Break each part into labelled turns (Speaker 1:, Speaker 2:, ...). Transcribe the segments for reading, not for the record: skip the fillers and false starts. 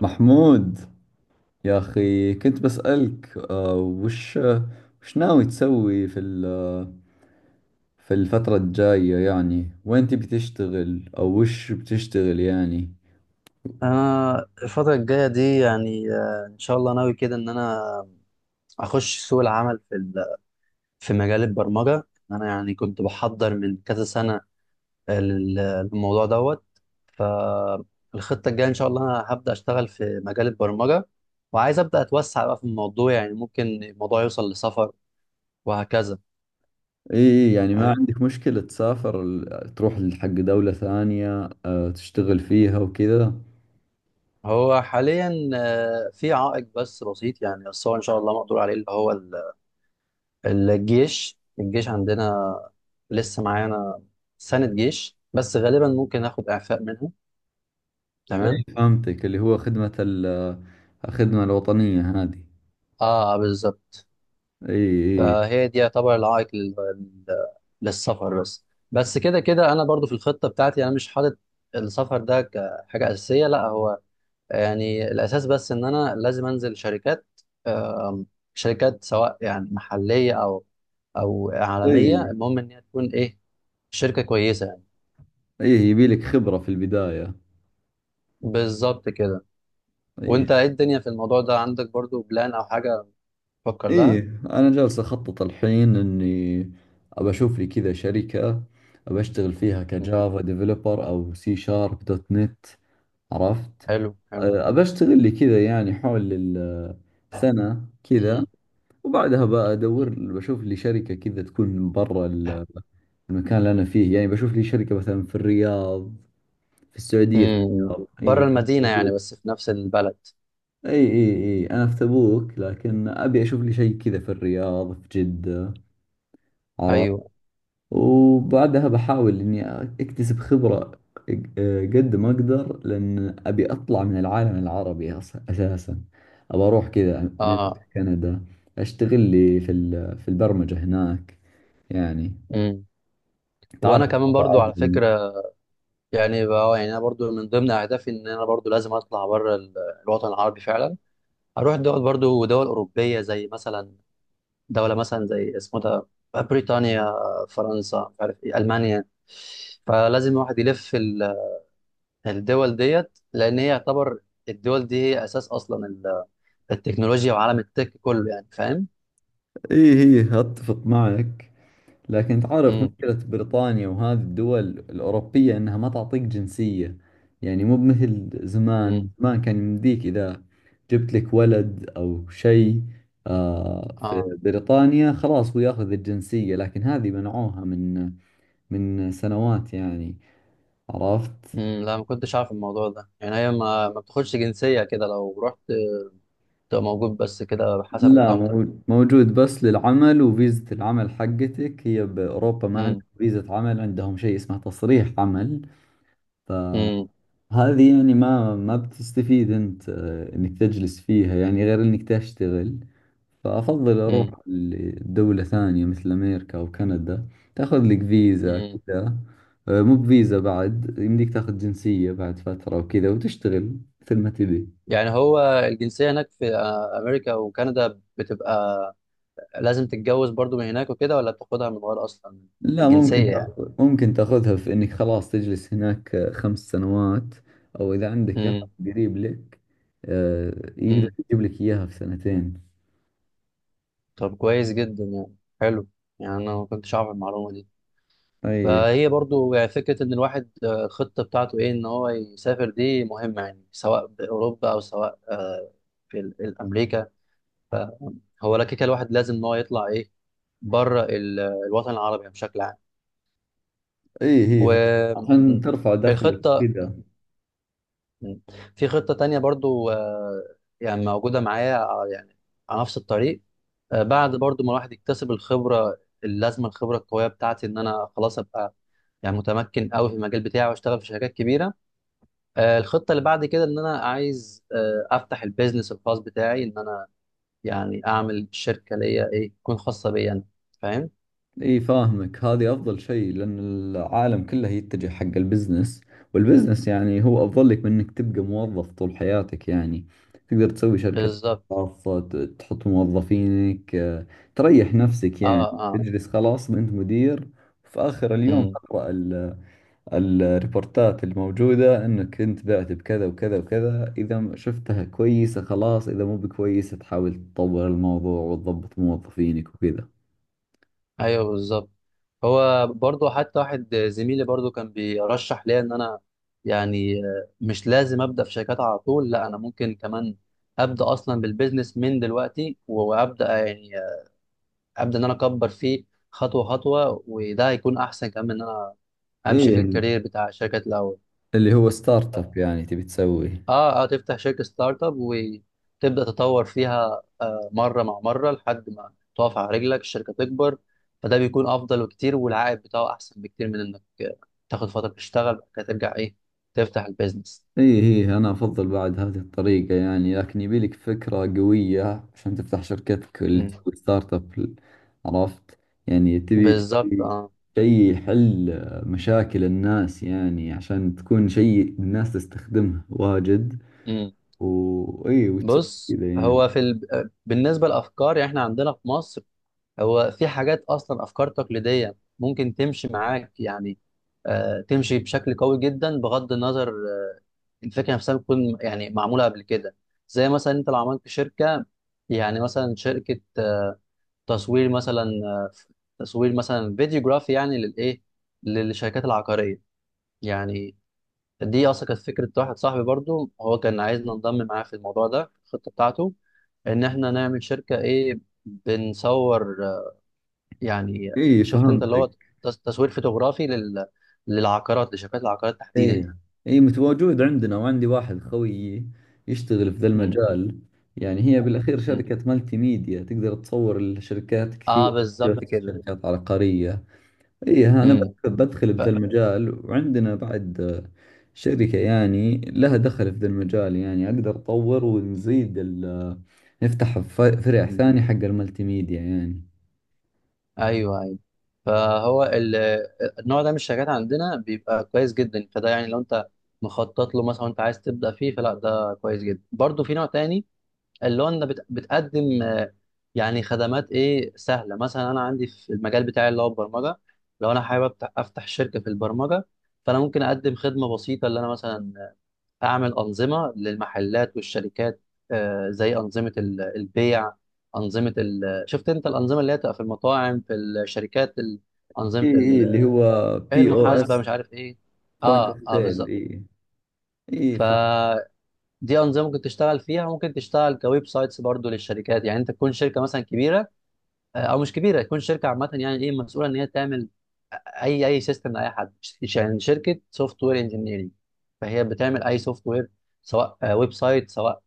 Speaker 1: محمود، يا أخي كنت بسألك وش ناوي تسوي في الفترة الجاية، يعني وين تبي تشتغل أو وش بتشتغل يعني.
Speaker 2: انا الفتره الجايه دي يعني ان شاء الله ناوي كده ان انا اخش سوق العمل في مجال البرمجه. انا يعني كنت بحضر من كذا سنه لل- للموضوع دوت. فالخطه الجايه ان شاء الله انا هبدا اشتغل في مجال البرمجه، وعايز ابدا اتوسع بقى في الموضوع، يعني ممكن الموضوع يوصل لسفر وهكذا.
Speaker 1: إيه يعني ما
Speaker 2: فاهم.
Speaker 1: عندك مشكلة تسافر تروح حق دولة ثانية، تشتغل فيها وكذا.
Speaker 2: هو حاليا في عائق بس بسيط يعني، بس هو ان شاء الله مقدور عليه، اللي هو الجيش عندنا لسه معانا، سنة جيش، بس غالبا ممكن اخد اعفاء منها. تمام.
Speaker 1: إيه، فهمتك، اللي هو الخدمة الوطنية هذه.
Speaker 2: اه، بالظبط.
Speaker 1: إيه
Speaker 2: فهي دي يعتبر العائق للسفر، بس بس كده كده انا برضو في الخطة بتاعتي انا مش حاطط السفر ده كحاجة أساسية. لا، هو يعني الأساس بس إن أنا لازم أنزل شركات، آم، شركات سواء يعني محلية أو
Speaker 1: إيه.
Speaker 2: عالمية،
Speaker 1: إيه
Speaker 2: المهم إن هي تكون إيه، شركة كويسة يعني.
Speaker 1: إيه، يبي لك خبرة في البداية.
Speaker 2: بالظبط كده.
Speaker 1: إيه
Speaker 2: وانت ايه الدنيا في الموضوع ده، عندك برضو بلان او حاجة تفكر
Speaker 1: ايه،
Speaker 2: لها؟
Speaker 1: انا جالس اخطط الحين اني ابى اشوف لي كذا شركة، ابى اشتغل فيها
Speaker 2: مم.
Speaker 1: كجافا ديفلوبر او سي شارب دوت نت. عرفت؟
Speaker 2: حلو، حلو.
Speaker 1: ابى اشتغل لي كذا يعني حول السنة كذا،
Speaker 2: مم.
Speaker 1: وبعدها بدور
Speaker 2: مم.
Speaker 1: بشوف لي شركة كذا تكون برا المكان اللي انا فيه، يعني بشوف لي شركة مثلا في الرياض، في السعودية، في
Speaker 2: امم.
Speaker 1: الرياض،
Speaker 2: بره
Speaker 1: اي
Speaker 2: المدينة يعني،
Speaker 1: تبوك،
Speaker 2: بس في نفس البلد.
Speaker 1: اي اي، اي انا في تبوك لكن ابي اشوف لي شيء كذا في الرياض، في جدة. عرفت؟
Speaker 2: ايوه.
Speaker 1: وبعدها بحاول إني أكتسب خبرة قد ما أقدر، لأن أبي أطلع من العالم العربي أساسا، أبى أروح كذا من
Speaker 2: اه.
Speaker 1: كندا، أشتغل لي في البرمجة هناك يعني،
Speaker 2: امم.
Speaker 1: تعرف.
Speaker 2: وانا كمان
Speaker 1: وضع
Speaker 2: برضو على
Speaker 1: عزمي.
Speaker 2: فكرة يعني بقى، يعني انا برضو من ضمن اهدافي ان انا برضو لازم اطلع بره الوطن العربي فعلا. اروح دول، برضو دول اوروبية زي مثلا دولة مثلا زي اسمه ده، بريطانيا، فرنسا، مش عارف ايه، المانيا. فلازم الواحد يلف الدول ديت، لان هي يعتبر الدول دي هي اساس اصلا التكنولوجيا وعالم التك كله، يعني فاهم.
Speaker 1: إيه إيه، أتفق معك، لكن تعرف
Speaker 2: امم.
Speaker 1: مشكلة بريطانيا وهذه الدول الأوروبية إنها ما تعطيك جنسية، يعني مو مثل زمان.
Speaker 2: امم.
Speaker 1: زمان كان يمديك إذا جبت لك ولد أو شيء، في
Speaker 2: اه.
Speaker 1: بريطانيا خلاص هو ياخذ الجنسية، لكن هذه منعوها من سنوات يعني. عرفت؟
Speaker 2: امم. لا، ما كنتش عارف الموضوع ده. يعني هي ما بتاخدش جنسيه كده لو رحت تبقى موجود، بس كده حسب
Speaker 1: لا،
Speaker 2: اقامتك.
Speaker 1: موجود بس للعمل، وفيزة العمل حقتك هي بأوروبا، ما
Speaker 2: امم.
Speaker 1: عندهم فيزة عمل، عندهم شيء اسمه تصريح عمل.
Speaker 2: امم.
Speaker 1: هذه يعني ما بتستفيد انت، انك تجلس فيها يعني غير انك تشتغل. فافضل اروح
Speaker 2: امم.
Speaker 1: لدولة ثانية مثل امريكا او كندا، تاخذ لك فيزا
Speaker 2: امم.
Speaker 1: كذا، مو بفيزا بعد، يمديك تاخذ جنسية بعد فترة وكذا وتشتغل مثل ما تبي.
Speaker 2: يعني هو الجنسيه هناك في امريكا وكندا بتبقى لازم تتجوز برضو من هناك وكده، ولا بتاخدها من غير اصلا؟
Speaker 1: لا ممكن
Speaker 2: الجنسيه يعني.
Speaker 1: تاخذ، ممكن تاخذها في انك خلاص تجلس هناك خمس سنوات، او اذا عندك احد قريب لك، آه، يقدر
Speaker 2: امم.
Speaker 1: يجيب لك اياها في سنتين.
Speaker 2: طب كويس جدا يعني. حلو. يعني انا ما كنتش اعرف المعلومه دي.
Speaker 1: اي
Speaker 2: فهي برضو يعني فكره ان الواحد الخطه بتاعته ايه، ان هو يسافر، دي مهمه يعني، سواء باوروبا او سواء في الامريكا. فهو لا كده، الواحد لازم ان هو يطلع ايه، بره الوطن العربي يعني بشكل عام.
Speaker 1: اي، هي عشان ترفع دخلك
Speaker 2: والخطه.
Speaker 1: كذا.
Speaker 2: مم. في خطة تانية برضو، يعني موجودة معايا، يعني على نفس الطريق. بعد برضو ما الواحد يكتسب الخبرة اللازمة، الخبرة القوية بتاعتي، إن أنا خلاص أبقى يعني متمكن قوي في المجال بتاعي واشتغل في شركات كبيرة. الخطة اللي بعد كده إن أنا عايز أفتح البيزنس الخاص بتاعي، إن أنا يعني أعمل شركة ليا إيه، تكون خاصة بيا أنا. فاهم؟
Speaker 1: اي فاهمك، هذه افضل شيء، لان العالم كله يتجه حق البزنس، والبزنس يعني هو افضل لك من انك تبقى موظف طول حياتك يعني. تقدر تسوي شركة
Speaker 2: بالظبط.
Speaker 1: خاصة، تحط موظفينك، تريح نفسك يعني،
Speaker 2: آه، آه.
Speaker 1: تجلس خلاص انت مدير، في اخر اليوم
Speaker 2: مم.
Speaker 1: تقرأ الريبورتات الموجودة انك انت بعت بكذا وكذا وكذا، اذا شفتها كويسة خلاص، اذا مو بكويسة تحاول تطور الموضوع وتضبط موظفينك وكذا.
Speaker 2: ايوه، بالظبط. هو برضو حتى واحد زميلي برضو كان بيرشح ليا ان انا يعني مش لازم ابدا في شركات على طول، لا انا ممكن كمان ابدا اصلا بالبيزنس من دلوقتي، وابدا يعني ابدا ان انا اكبر فيه خطوه خطوه. وده هيكون احسن كمان من ان انا امشي في
Speaker 1: ايه،
Speaker 2: الكارير بتاع الشركات الاول.
Speaker 1: اللي هو ستارت اب، يعني تبي تسويه.
Speaker 2: اه، اه. تفتح شركة ستارت اب وتبدأ تطور فيها، مرة مع مرة لحد ما تقف على رجلك الشركة، تكبر. فده بيكون أفضل بكتير، والعائد بتاعه أحسن بكتير من إنك تاخد فترة تشتغل بعد كده ترجع إيه، تفتح البيزنس.
Speaker 1: ايه ايه، انا افضل بعد هذه الطريقة يعني، لكن يبيلك فكرة قوية عشان تفتح شركتك اللي
Speaker 2: مم.
Speaker 1: تسوي ستارت اب. عرفت؟ يعني تبي
Speaker 2: بالظبط.
Speaker 1: تبي
Speaker 2: اه.
Speaker 1: شيء يحل مشاكل الناس، يعني عشان تكون شيء الناس تستخدمه واجد،
Speaker 2: امم.
Speaker 1: وإي وتسوي
Speaker 2: بص،
Speaker 1: كذا يعني.
Speaker 2: هو في ال... آه، بالنسبة للأفكار يعني إحنا عندنا في مصر، هو في حاجات أصلا أفكار تقليدية ممكن تمشي معاك يعني، تمشي بشكل قوي جدا بغض النظر الفكره نفسها بتكون يعني معموله قبل كده. زي مثلا انت لو عملت شركه، يعني مثلا شركه تصوير مثلا، فيديوجرافي يعني للايه، للشركات العقاريه يعني. دي اصلا كانت فكره واحد صاحبي برضو، هو كان عايزنا ننضم معاه في الموضوع ده في الخطه بتاعته، ان احنا نعمل شركه ايه، بنصور يعني
Speaker 1: إي
Speaker 2: شفت انت، اللي هو
Speaker 1: فهمتك.
Speaker 2: تصوير فوتوغرافي للعقارات، لشركات العقارات تحديدا
Speaker 1: إي
Speaker 2: يعني.
Speaker 1: إي، متواجد عندنا، وعندي واحد خويي يشتغل في ذا
Speaker 2: امم.
Speaker 1: المجال، يعني هي بالأخير
Speaker 2: امم.
Speaker 1: شركة مالتي ميديا، تقدر تصور الشركات
Speaker 2: اه،
Speaker 1: كثير،
Speaker 2: بالظبط
Speaker 1: بس
Speaker 2: كده.
Speaker 1: شركات عقارية. إي ها، أنا
Speaker 2: امم.
Speaker 1: بدخل بذا المجال، وعندنا بعد شركة يعني لها دخل في ذا المجال، يعني أقدر أطور ونزيد نفتح فرع
Speaker 2: مم.
Speaker 1: ثاني حق المالتي ميديا يعني.
Speaker 2: ايوه، ايوه. فهو النوع ده من الشركات عندنا بيبقى كويس جدا، فده يعني لو انت مخطط له مثلا وانت عايز تبدا فيه، فلا ده كويس جدا. برضو في نوع تاني اللي هو انت بتقدم يعني خدمات ايه، سهله. مثلا انا عندي في المجال بتاعي اللي هو البرمجه، لو انا حابب افتح شركه في البرمجه، فانا ممكن اقدم خدمه بسيطه اللي انا مثلا اعمل انظمه للمحلات والشركات، زي انظمه البيع، انظمه ال... شفت انت الانظمه اللي هي بتبقى في المطاعم، في الشركات
Speaker 1: إي
Speaker 2: انظمه ال...
Speaker 1: إي، اللي هو
Speaker 2: إيه،
Speaker 1: بي أو
Speaker 2: المحاسبه،
Speaker 1: اس،
Speaker 2: مش عارف ايه.
Speaker 1: بوينت اوف
Speaker 2: اه، اه،
Speaker 1: سيل.
Speaker 2: بالظبط.
Speaker 1: اي اي، فهم.
Speaker 2: فدي انظمه ممكن تشتغل فيها. ممكن تشتغل كويب سايتس برضو للشركات، يعني انت تكون شركه مثلا كبيره او مش كبيره، تكون شركه عامه يعني، ايه، مسؤوله ان هي تعمل اي سيستم لاي حد، يعني شركه سوفت وير انجينيرنج، فهي بتعمل اي سوفت وير، سواء ويب سايت، سواء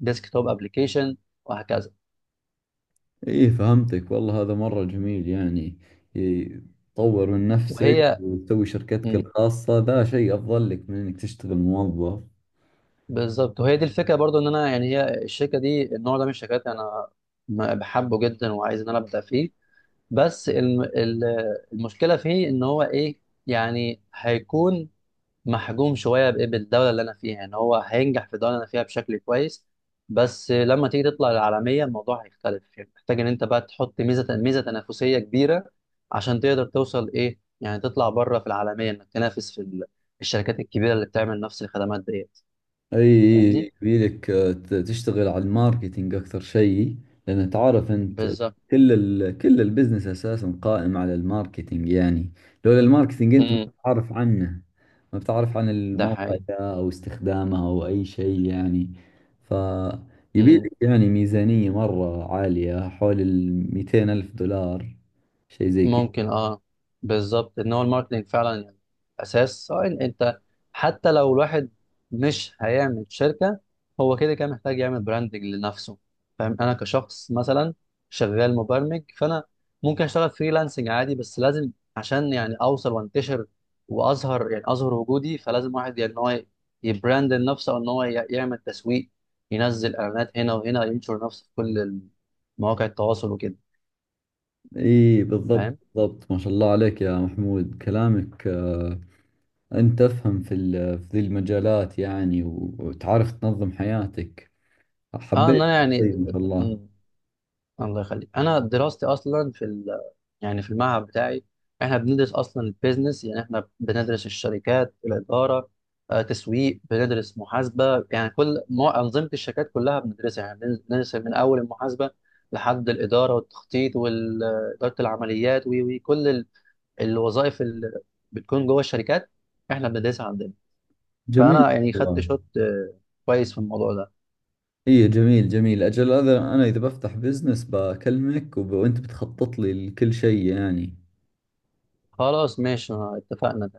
Speaker 2: ديسك توب ابلكيشن، وهكذا.
Speaker 1: اي فهمتك، والله هذا مرة جميل يعني. إي،
Speaker 2: مم.
Speaker 1: تطور من نفسك
Speaker 2: وهي.
Speaker 1: وتسوي شركتك
Speaker 2: مم.
Speaker 1: الخاصة، ذا شيء افضل لك من انك تشتغل موظف.
Speaker 2: بالظبط، وهي دي الفكره برضو ان انا، يعني هي الشركه دي، النوع ده من الشركات انا بحبه جدا وعايز ان انا ابدا فيه، بس المشكله فيه ان هو ايه، يعني هيكون محجوم شويه بإيه؟ بالدوله اللي انا فيها يعني، هو هينجح في الدوله اللي انا فيها بشكل كويس، بس لما تيجي تطلع العالميه الموضوع هيختلف، يعني محتاج ان انت بقى تحط ميزه تنافسيه كبيره عشان تقدر توصل ايه، يعني تطلع بره في العالميه، انك تنافس في الشركات الكبيره اللي بتعمل نفس الخدمات ديت.
Speaker 1: اي اي
Speaker 2: فاهمني.
Speaker 1: إي، يبيلك تشتغل على الماركتينج اكثر شيء، لان تعرف انت،
Speaker 2: بالظبط.
Speaker 1: كل البزنس اساسا قائم على الماركتينج يعني. لولا الماركتينج انت ما
Speaker 2: امم.
Speaker 1: بتعرف عنه، ما بتعرف عن
Speaker 2: ده
Speaker 1: الموقع
Speaker 2: حقيقي.
Speaker 1: ده او استخدامه او اي شيء يعني. ف يبيلك يعني ميزانية مرة عالية، حول ال 200 ألف دولار، شيء زي كذا.
Speaker 2: ممكن، اه. بالظبط ان هو الماركتنج فعلا يعني اساس، سواء انت، حتى لو الواحد مش هيعمل شركه، هو كده كده محتاج يعمل براندنج لنفسه. فاهم، انا كشخص مثلا شغال مبرمج، فانا ممكن اشتغل فريلانسنج عادي، بس لازم عشان يعني اوصل وانتشر واظهر، يعني اظهر وجودي، فلازم واحد يعني ان هو يبراند نفسه، او ان هو يعمل تسويق، ينزل اعلانات هنا وهنا، ينشر نفسه في كل مواقع التواصل وكده.
Speaker 1: اي بالضبط
Speaker 2: فاهم.
Speaker 1: بالضبط، ما شاء الله عليك يا محمود، كلامك أنت تفهم في ذي المجالات يعني، وتعرف تنظم حياتك،
Speaker 2: اه، ان
Speaker 1: حبيت
Speaker 2: انا يعني
Speaker 1: الشيء ما شاء الله.
Speaker 2: الله يخليك، انا دراستي اصلا يعني في المعهد بتاعي، احنا بندرس اصلا البيزنس. يعني احنا بندرس الشركات، الاداره، تسويق، بندرس محاسبه، يعني كل انظمه الشركات كلها بندرسها، يعني بندرس من اول المحاسبه لحد الاداره والتخطيط واداره العمليات وكل الوظائف اللي بتكون جوه الشركات احنا بندرسها عندنا.
Speaker 1: جميل
Speaker 2: فانا يعني خدت
Speaker 1: والله.
Speaker 2: شوت كويس في الموضوع ده.
Speaker 1: إيه جميل جميل، أجل هذا أنا إذا بفتح بزنس بكلمك وأنت بتخطط لي لكل شيء يعني.
Speaker 2: خلاص، ماشي، اتفقنا.